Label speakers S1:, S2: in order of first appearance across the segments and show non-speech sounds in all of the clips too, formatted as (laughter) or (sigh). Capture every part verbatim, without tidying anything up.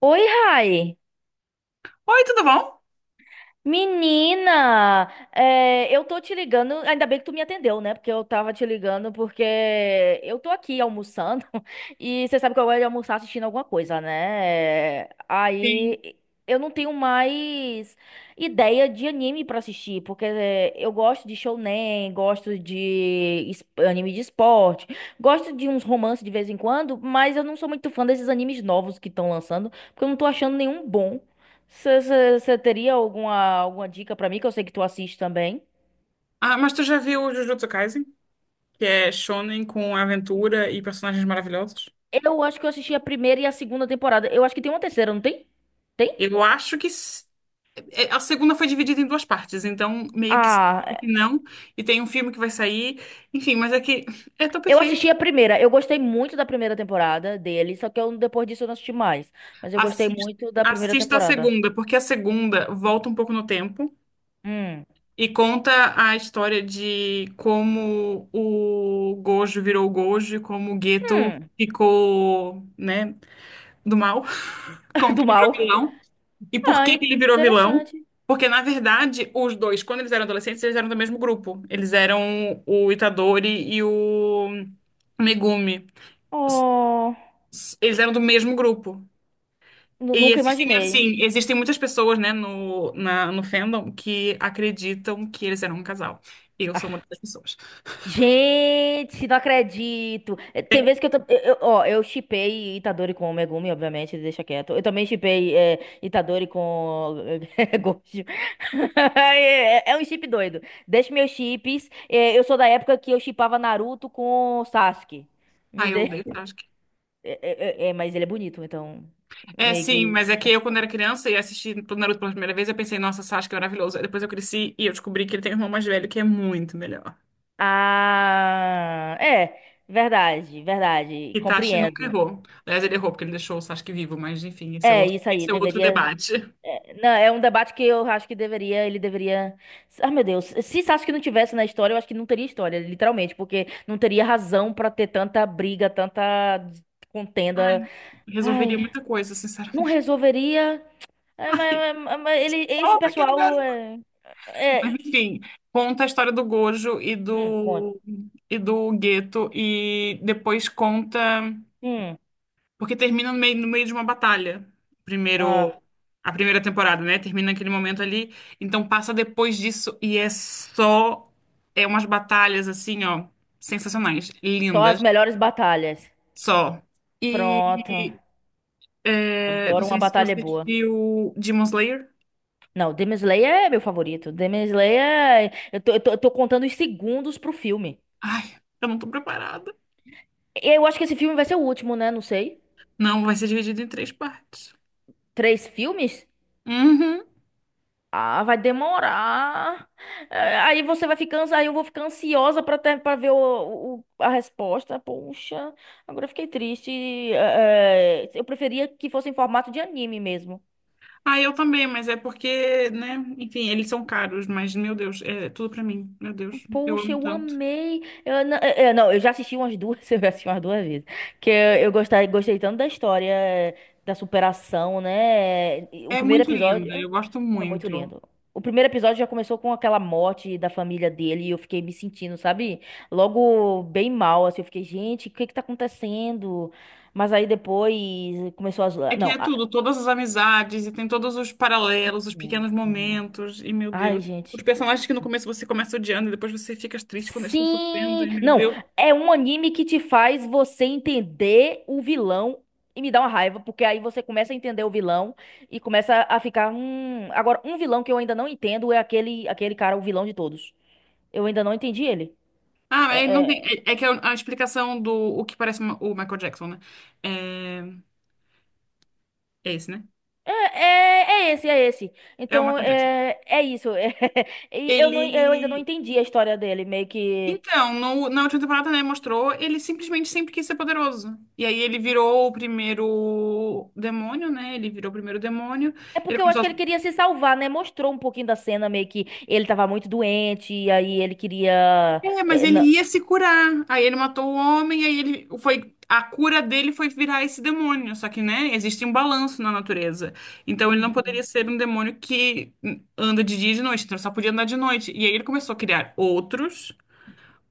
S1: Oi, Rai.
S2: Oi, tudo bom?
S1: Menina, é, eu tô te ligando, ainda bem que tu me atendeu, né? Porque eu tava te ligando porque eu tô aqui almoçando (laughs) e você sabe que eu gosto de almoçar assistindo alguma coisa, né? Aí eu não tenho mais ideia de anime pra assistir, porque é, eu gosto de shounen, gosto de es- anime de esporte, gosto de uns romances de vez em quando, mas eu não sou muito fã desses animes novos que estão lançando, porque eu não tô achando nenhum bom. Você teria alguma, alguma dica pra mim, que eu sei que tu assiste também?
S2: Ah, mas tu já viu o Jujutsu Kaisen? Que é shonen com aventura e personagens maravilhosos?
S1: Eu acho que eu assisti a primeira e a segunda temporada. Eu acho que tem uma terceira, não tem? Tem?
S2: Eu acho que s- é, a segunda foi dividida em duas partes, então meio que sim,
S1: Ah,
S2: meio que não. E tem um filme que vai sair. Enfim, mas é que é tão
S1: eu
S2: perfeito.
S1: assisti a primeira. Eu gostei muito da primeira temporada dele, só que eu, depois disso eu não assisti mais. Mas eu gostei
S2: Assista,
S1: muito da primeira
S2: assista a
S1: temporada.
S2: segunda, porque a segunda volta um pouco no tempo
S1: Hum.
S2: e conta a história de como o Gojo virou o Gojo, e como o Geto
S1: Hum.
S2: ficou, né, do mal, (laughs)
S1: (laughs)
S2: como
S1: Do
S2: que ele virou
S1: mal.
S2: vilão. E por
S1: Ah,
S2: que que ele virou vilão?
S1: interessante.
S2: Porque, na verdade, os dois, quando eles eram adolescentes, eles eram do mesmo grupo. Eles eram o Itadori e o Megumi. S-
S1: Oh,
S2: s- Eles eram do mesmo grupo.
S1: nu-
S2: E
S1: nunca
S2: existem,
S1: imaginei.
S2: assim, existem muitas pessoas, né, no, na, no fandom que acreditam que eles eram um casal. Eu sou
S1: (laughs)
S2: uma dessas pessoas.
S1: Gente, não acredito. Eh, Tem vezes que eu, tô- eu, eu- ó, eu shippei Itadori com o Megumi, obviamente, deixa quieto. Eu também shippei eh, Itadori com (laughs) Gojo. (laughs) É, é um chip doido. Deixa meus chips. Eh, eu sou da época que eu shippava Naruto com Sasuke. Me
S2: Ah, eu
S1: dê.
S2: odeio Sasuke.
S1: É, é, é, é, mas ele é bonito, então
S2: É,
S1: meio que.
S2: sim, mas é que eu, quando era criança e assisti o Naruto pela primeira vez, eu pensei, nossa, Sasuke é maravilhoso. Aí depois eu cresci e eu descobri que ele tem um irmão mais velho que é muito melhor.
S1: Ah, é, verdade, verdade.
S2: Itachi nunca
S1: Compreendo.
S2: errou. Aliás, ele errou porque ele deixou o Sasuke vivo, mas enfim, esse é
S1: É
S2: outro,
S1: isso aí,
S2: esse é outro
S1: deveria.
S2: debate.
S1: É, não, é um debate que eu acho que deveria, ele deveria. Ah, meu Deus, se isso acho que não tivesse na história, eu acho que não teria história, literalmente, porque não teria razão pra ter tanta briga, tanta
S2: Ai,
S1: contenda.
S2: resolveria
S1: Ai,
S2: muita coisa,
S1: não
S2: sinceramente.
S1: resolveria. É,
S2: Ai,
S1: mas, mas- mas ele, esse
S2: volta aquele
S1: pessoal
S2: garoto.
S1: é,
S2: Mas
S1: é-
S2: enfim, conta a história do Gojo e
S1: hum, conta.
S2: do e do Geto e depois conta,
S1: Hum,
S2: porque termina no meio, no meio de uma batalha. Primeiro
S1: ah,
S2: A primeira temporada, né? Termina naquele momento ali, então passa depois disso e é só é umas batalhas assim, ó, sensacionais,
S1: só as
S2: lindas.
S1: melhores batalhas.
S2: Só.
S1: Pronto.
S2: E é, não
S1: Adoro uma
S2: sei se
S1: batalha
S2: você
S1: boa.
S2: viu Demon Slayer.
S1: Não, Demon Slayer é meu favorito. Demon Slayer, é- eu tô, eu tô, eu tô contando os segundos pro filme.
S2: Ai, eu não tô preparada.
S1: Eu acho que esse filme vai ser o último, né? Não sei.
S2: Não, vai ser dividido em três partes.
S1: Três filmes?
S2: Uhum.
S1: Ah, vai demorar. É, Aí você vai ficar, ansi- aí eu vou ficar ansiosa pra ter, para ver o, o- a resposta. Poxa, agora eu fiquei triste. É, é, eu preferia que fosse em formato de anime mesmo.
S2: Ah, eu também, mas é porque, né? Enfim, eles são caros, mas meu Deus, é tudo pra mim. Meu Deus, eu
S1: Poxa,
S2: amo
S1: eu
S2: tanto.
S1: amei. Eu, não, eu, não, eu já assisti umas duas, (laughs) eu já assisti umas duas vezes. Que eu, eu gostei, gostei tanto da história, eh, da superação, né? E o
S2: É
S1: primeiro
S2: muito
S1: episódio
S2: linda, eu gosto
S1: é muito
S2: muito.
S1: lindo. O primeiro episódio já começou com aquela morte da família dele e eu fiquei me sentindo, sabe? Logo bem mal, assim, eu fiquei, gente, o que é que tá acontecendo? Mas aí depois começou a
S2: É
S1: zoar.
S2: que
S1: Não,
S2: é
S1: a...
S2: tudo, todas as amizades, e tem todos os paralelos, os
S1: Uhum,
S2: pequenos
S1: uhum.
S2: momentos, e meu
S1: Ai,
S2: Deus.
S1: gente.
S2: Os personagens que no começo você começa odiando e depois você fica triste quando eles estão sofrendo,
S1: Sim!
S2: e meu
S1: Não,
S2: Deus.
S1: é um anime que te faz você entender o vilão e me dá uma raiva, porque aí você começa a entender o vilão e começa a ficar, hum... Agora, um vilão que eu ainda não entendo é aquele, aquele cara, o vilão de todos. Eu ainda não entendi ele.
S2: Ah, é, não tem,
S1: É,
S2: é, é que a, a explicação do o que parece uma- o Michael Jackson, né? É, é esse, né?
S1: é, é, é é esse, é esse.
S2: É o
S1: Então,
S2: Michael Jackson.
S1: é, é isso. (laughs) E eu não, eu ainda não
S2: Ele.
S1: entendi a história dele, meio que...
S2: Então, no- na última temporada, né, mostrou, ele simplesmente sempre quis ser poderoso. E aí ele virou o primeiro demônio, né? Ele virou o primeiro demônio.
S1: É
S2: Ele
S1: porque eu
S2: começou
S1: acho
S2: a
S1: que ele queria se salvar, né? Mostrou um pouquinho da cena, meio que ele tava muito doente, e aí ele queria.
S2: É, mas
S1: é,
S2: ele
S1: na-
S2: ia se curar. Aí ele matou o homem, aí ele foi a cura dele foi virar esse demônio. Só que, né, existe um balanço na natureza. Então ele não poderia
S1: Uhum,
S2: ser um demônio que anda de dia e de noite, então ele só podia andar de noite. E aí ele começou a criar outros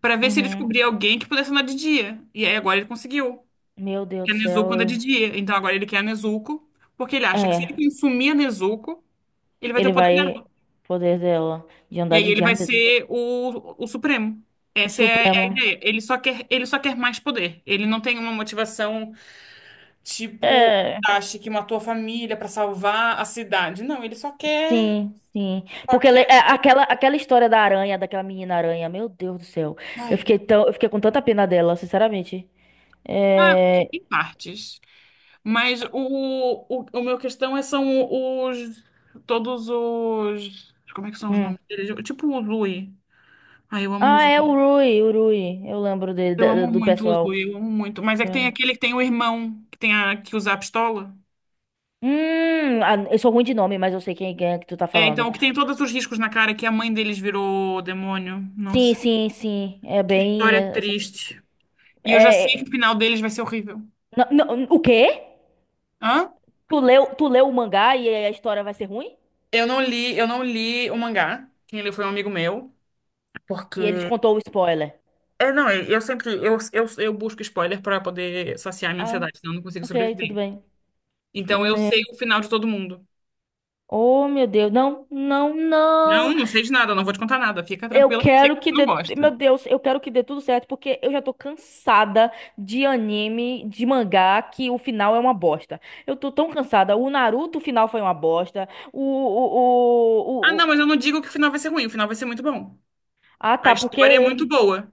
S2: para ver se ele
S1: uhum.
S2: descobria alguém que pudesse andar de dia. E aí agora ele conseguiu.
S1: Meu Deus
S2: Que
S1: do
S2: a Nezuko anda de
S1: céu.
S2: dia. Então agora ele quer a Nezuko, porque ele
S1: É,
S2: acha que se
S1: É,
S2: ele consumir a Nezuko, ele vai ter o
S1: ele
S2: poder
S1: vai.
S2: dela.
S1: Poder dela de
S2: E
S1: andar
S2: aí
S1: de
S2: ele
S1: dia.
S2: vai
S1: Ai, meu Deus.
S2: ser o, o Supremo.
S1: O
S2: Essa é a
S1: Supremo.
S2: ideia. Ele só quer, ele só quer mais poder. Ele não tem uma motivação tipo
S1: É,
S2: acha que matou a família pra salvar a cidade. Não, ele só quer,
S1: sim, sim.
S2: só
S1: Porque ele-
S2: quer.
S1: é, aquela, aquela história da aranha, daquela menina aranha, meu Deus do céu. Eu
S2: Ai,
S1: fiquei
S2: não.
S1: tão, eu fiquei com tanta pena dela, sinceramente.
S2: Ah,
S1: É.
S2: em partes. Mas o, o, o meu questão é são os todos os como é que são os
S1: Hum.
S2: nomes deles? Tipo o Zui. Ai, eu amo o
S1: Ah, é o
S2: Zui.
S1: Rui, o Rui. Eu lembro dele,
S2: Eu
S1: da-
S2: amo
S1: do
S2: muito o
S1: pessoal.
S2: Zui, eu amo muito. Mas é que tem aquele que tem o irmão que tem a que usa a pistola.
S1: Hum, ah, eu sou ruim de nome, mas eu sei quem, quem é que tu tá
S2: É, então,
S1: falando.
S2: o que tem todos os riscos na cara, é que a mãe deles virou demônio.
S1: Sim,
S2: Nossa,
S1: sim, sim. É
S2: que
S1: bem.
S2: história
S1: É,
S2: triste. E eu já sei que
S1: é-
S2: o final deles vai ser horrível.
S1: não, não, o quê?
S2: Hã?
S1: Tu leu, tu leu o mangá e a história vai ser ruim?
S2: Eu não li, eu não li o mangá. Quem leu foi um amigo meu, porque
S1: E ele te contou o spoiler.
S2: é, não, eu eu sempre eu, eu, eu busco spoiler para poder saciar minha
S1: Ah,
S2: ansiedade, senão eu não consigo
S1: ok, tudo
S2: sobreviver.
S1: bem.
S2: Então eu
S1: Né?
S2: sei o final de todo mundo.
S1: Oh, meu Deus. Não, não, não.
S2: Não, não sei de nada, não vou te contar nada. Fica
S1: Eu
S2: tranquila, que eu sei que
S1: quero
S2: você
S1: que
S2: não
S1: dê,
S2: gosta.
S1: meu Deus, eu quero que dê tudo certo porque eu já tô cansada de anime, de mangá que o final é uma bosta. Eu tô tão cansada. O Naruto o final foi uma bosta. O, o,
S2: Ah,
S1: o, o-
S2: não,
S1: o-
S2: mas eu não digo que o final vai ser ruim, o final vai ser muito bom.
S1: Ah,
S2: A
S1: tá,
S2: história é
S1: porque.
S2: muito boa.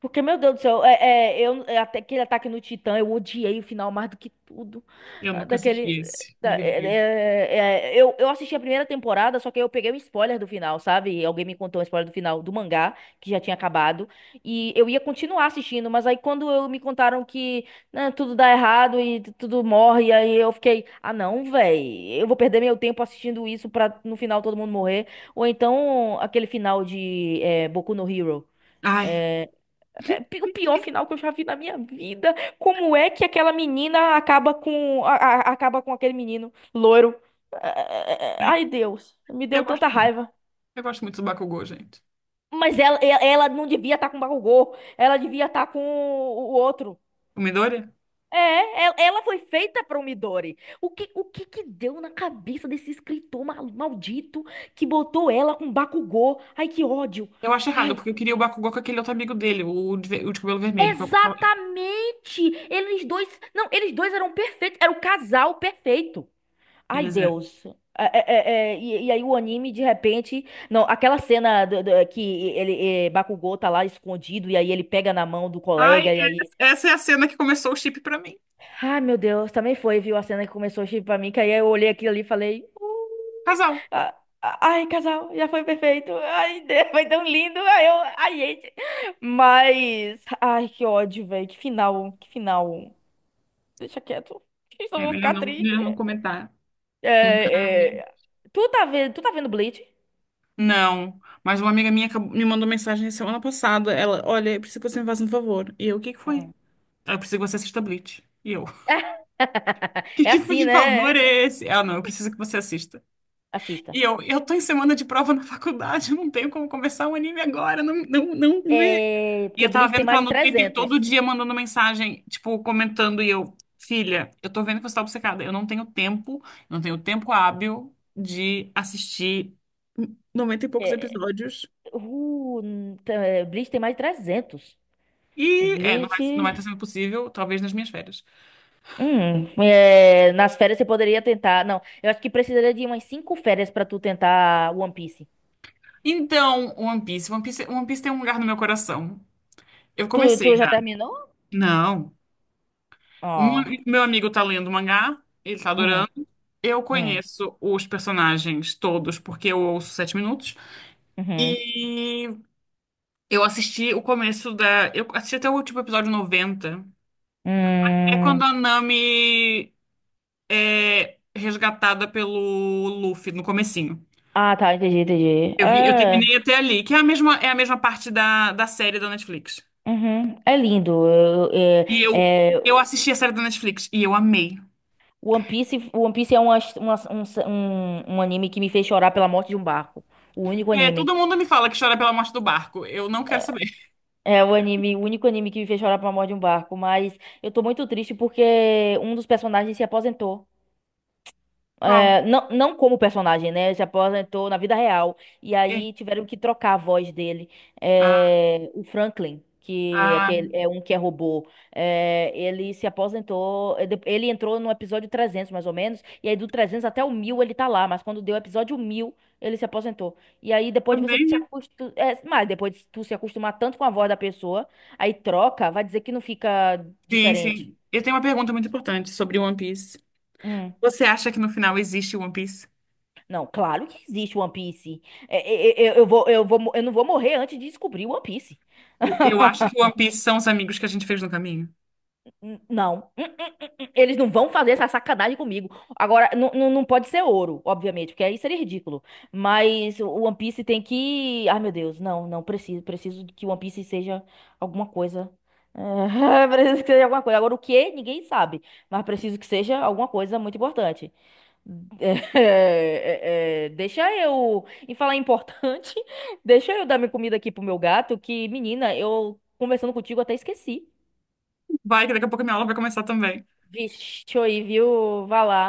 S1: Porque, meu Deus do céu, é, é, eu, é, até aquele ataque no Titã, eu odiei o final mais do que tudo.
S2: Eu
S1: Ah,
S2: nunca
S1: daquele.
S2: assisti esse, me
S1: da- é,
S2: livrei.
S1: é, é, é, eu, eu assisti a primeira temporada, só que eu peguei um spoiler do final, sabe? Alguém me contou um spoiler do final do mangá, que já tinha acabado. E eu ia continuar assistindo, mas aí quando eu me contaram que né, tudo dá errado e tu- tudo morre, aí eu fiquei, ah não, véi, eu vou perder meu tempo assistindo isso pra no final todo mundo morrer. Ou então aquele final de é, Boku no Hero.
S2: Ai,
S1: é, é, pi- o pior final que eu já vi na minha vida. Como é que aquela menina acaba com a- a- acaba com aquele menino loiro? É, é, é, é, é, é.
S2: ai,
S1: Ai, Deus, me deu
S2: eu gosto,
S1: tanta raiva.
S2: eu gosto muito do Bakugou, gente.
S1: Mas ela, e- ela não devia estar com o Bakugou, ela devia estar com o o outro.
S2: O Midori?
S1: É, e- ela foi feita para o Midori. O que, o que que deu na cabeça desse escritor mal- maldito que botou ela com Bakugou? Ai, que ódio.
S2: Eu acho errado, porque eu queria o Bakugou com aquele outro amigo dele, o de, ve- o de cabelo vermelho, porque eu gostava.
S1: Exatamente! Eles dois. Não, eles dois eram perfeitos. Era o casal perfeito. Ai,
S2: Eles é.
S1: Deus. É, é, é, é, e, e aí o anime, de repente. Não, aquela cena do- do- que ele, é, Bakugou tá lá escondido, e aí ele pega na mão do
S2: Ai,
S1: colega, e aí.
S2: é- essa é a cena que começou o chip pra mim.
S1: Ai, meu Deus, também foi, viu? A cena que começou a chip pra mim, que aí eu olhei aquilo ali e falei.
S2: Casal.
S1: "Ah, ah, Ai, casal, já foi perfeito. Ai, (laughs) Deus, foi tão lindo. Ai, eu, ai, gente. Mas, ai, que ódio, velho. Que final, que final. Deixa quieto. (laughs) Só
S2: É,
S1: vou
S2: melhor
S1: ficar
S2: não,
S1: triste.
S2: melhor não comentar. Ai,
S1: É, é, Tu tá vendo, tu tá vendo Bleach?
S2: não, mas uma amiga minha acabou- me mandou mensagem semana passada. Ela, olha, eu preciso que você me faça um favor. E eu, o que que foi?
S1: Hum.
S2: Ela, eu preciso que você assista Bleach. E eu,
S1: (laughs)
S2: (laughs) que
S1: É
S2: tipo
S1: assim,
S2: de favor
S1: né?
S2: é esse? Ela, não, eu preciso que você assista.
S1: Assista.
S2: E eu, eu tô em semana de prova na faculdade, eu não tenho como começar um anime agora, não, não, não vê.
S1: É,
S2: E
S1: porque
S2: eu tava
S1: Bleach tem
S2: vendo que
S1: mais
S2: ela
S1: de
S2: no Twitter
S1: trezentos.
S2: todo dia mandando mensagem, tipo, comentando, e eu, filha, eu tô vendo que você tá obcecada, eu não tenho tempo, eu não tenho tempo hábil de assistir noventa e poucos
S1: É,
S2: episódios.
S1: uh, tá, é, Bleach tem mais de trezentos.
S2: E é, não vai, não vai estar
S1: Bleach.
S2: sendo possível, talvez nas minhas férias.
S1: Hum, é, nas férias você poderia tentar. Não, eu acho que precisaria de umas cinco férias pra tu tentar One Piece.
S2: Então, One Piece, One Piece, One Piece tem um lugar no meu coração. Eu
S1: Tu,
S2: comecei
S1: tu já
S2: já.
S1: terminou?
S2: Não. Um,
S1: Ó.
S2: Meu amigo tá lendo o mangá, ele tá
S1: Hum,
S2: adorando. Eu
S1: hum,
S2: conheço os personagens todos porque eu ouço Sete Minutos.
S1: uhum.
S2: E eu assisti o começo da. Eu assisti até o último episódio noventa. É quando
S1: Hum.
S2: a Nami é resgatada pelo Luffy no comecinho.
S1: Ah, tá, entendi, entendi.
S2: Eu vi, eu
S1: É,
S2: terminei até ali, que é a mesma, é a mesma, parte da, da série da Netflix.
S1: uhum, é lindo. eu- eu-
S2: E eu,
S1: É, é,
S2: eu assisti a série da Netflix e eu amei.
S1: One Piece, One Piece é uma, uma- um, um, um anime que me fez chorar pela morte de um barco. O único
S2: É, todo
S1: anime.
S2: mundo me fala que chora pela morte do barco. Eu não quero
S1: É
S2: saber. (laughs)
S1: é o anime, o único anime que me fez chorar pela morte de um barco. Mas eu tô muito triste porque um dos personagens se aposentou.
S2: Qual?
S1: É, não, não como personagem, né? Ele se aposentou na vida real. E
S2: Quem?
S1: aí tiveram que trocar a voz dele.
S2: Ah,
S1: É, o Franklin, que é
S2: ah,
S1: aquele- é um que é robô, é, ele se aposentou. é, de- Ele entrou no episódio trezentos, mais ou menos. E aí do trezentos até o mil ele tá lá. Mas quando deu o episódio mil ele se aposentou. E aí depois de você se
S2: também
S1: acostumar. Mas depois de tu se acostumar tanto com a voz da pessoa, aí troca, vai dizer que não fica
S2: sim,
S1: diferente.
S2: sim. Eu tenho uma pergunta muito importante sobre One Piece.
S1: Hum.
S2: Você acha que no final existe One Piece?
S1: Não, claro que existe One Piece. É, é, é, Eu, eu, vou, eu vou, mo- eu não vou morrer antes de descobrir One Piece.
S2: Eu acho
S1: (laughs)
S2: que One Piece são os amigos que a gente fez no caminho.
S1: N- Não. Hum, hum, eles não vão fazer essa sacanagem comigo. Agora, não, não, não pode ser ouro, obviamente, porque aí seria ridículo. Mas o One Piece tem que. Ai, meu Deus, não, não preciso. Preciso que o One Piece seja alguma coisa. É, (laughs) preciso que seja alguma coisa. Agora, o que? Ninguém sabe. Mas preciso que seja alguma coisa muito importante. É, é, é, deixa eu. E falar importante, (laughs) deixa eu dar minha comida aqui pro meu gato, que, menina, eu conversando contigo até esqueci.
S2: Vai, que daqui a pouco minha aula vai começar também.
S1: Vixe, aí, viu? Vá lá.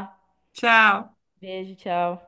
S2: Tchau.
S1: Beijo, tchau.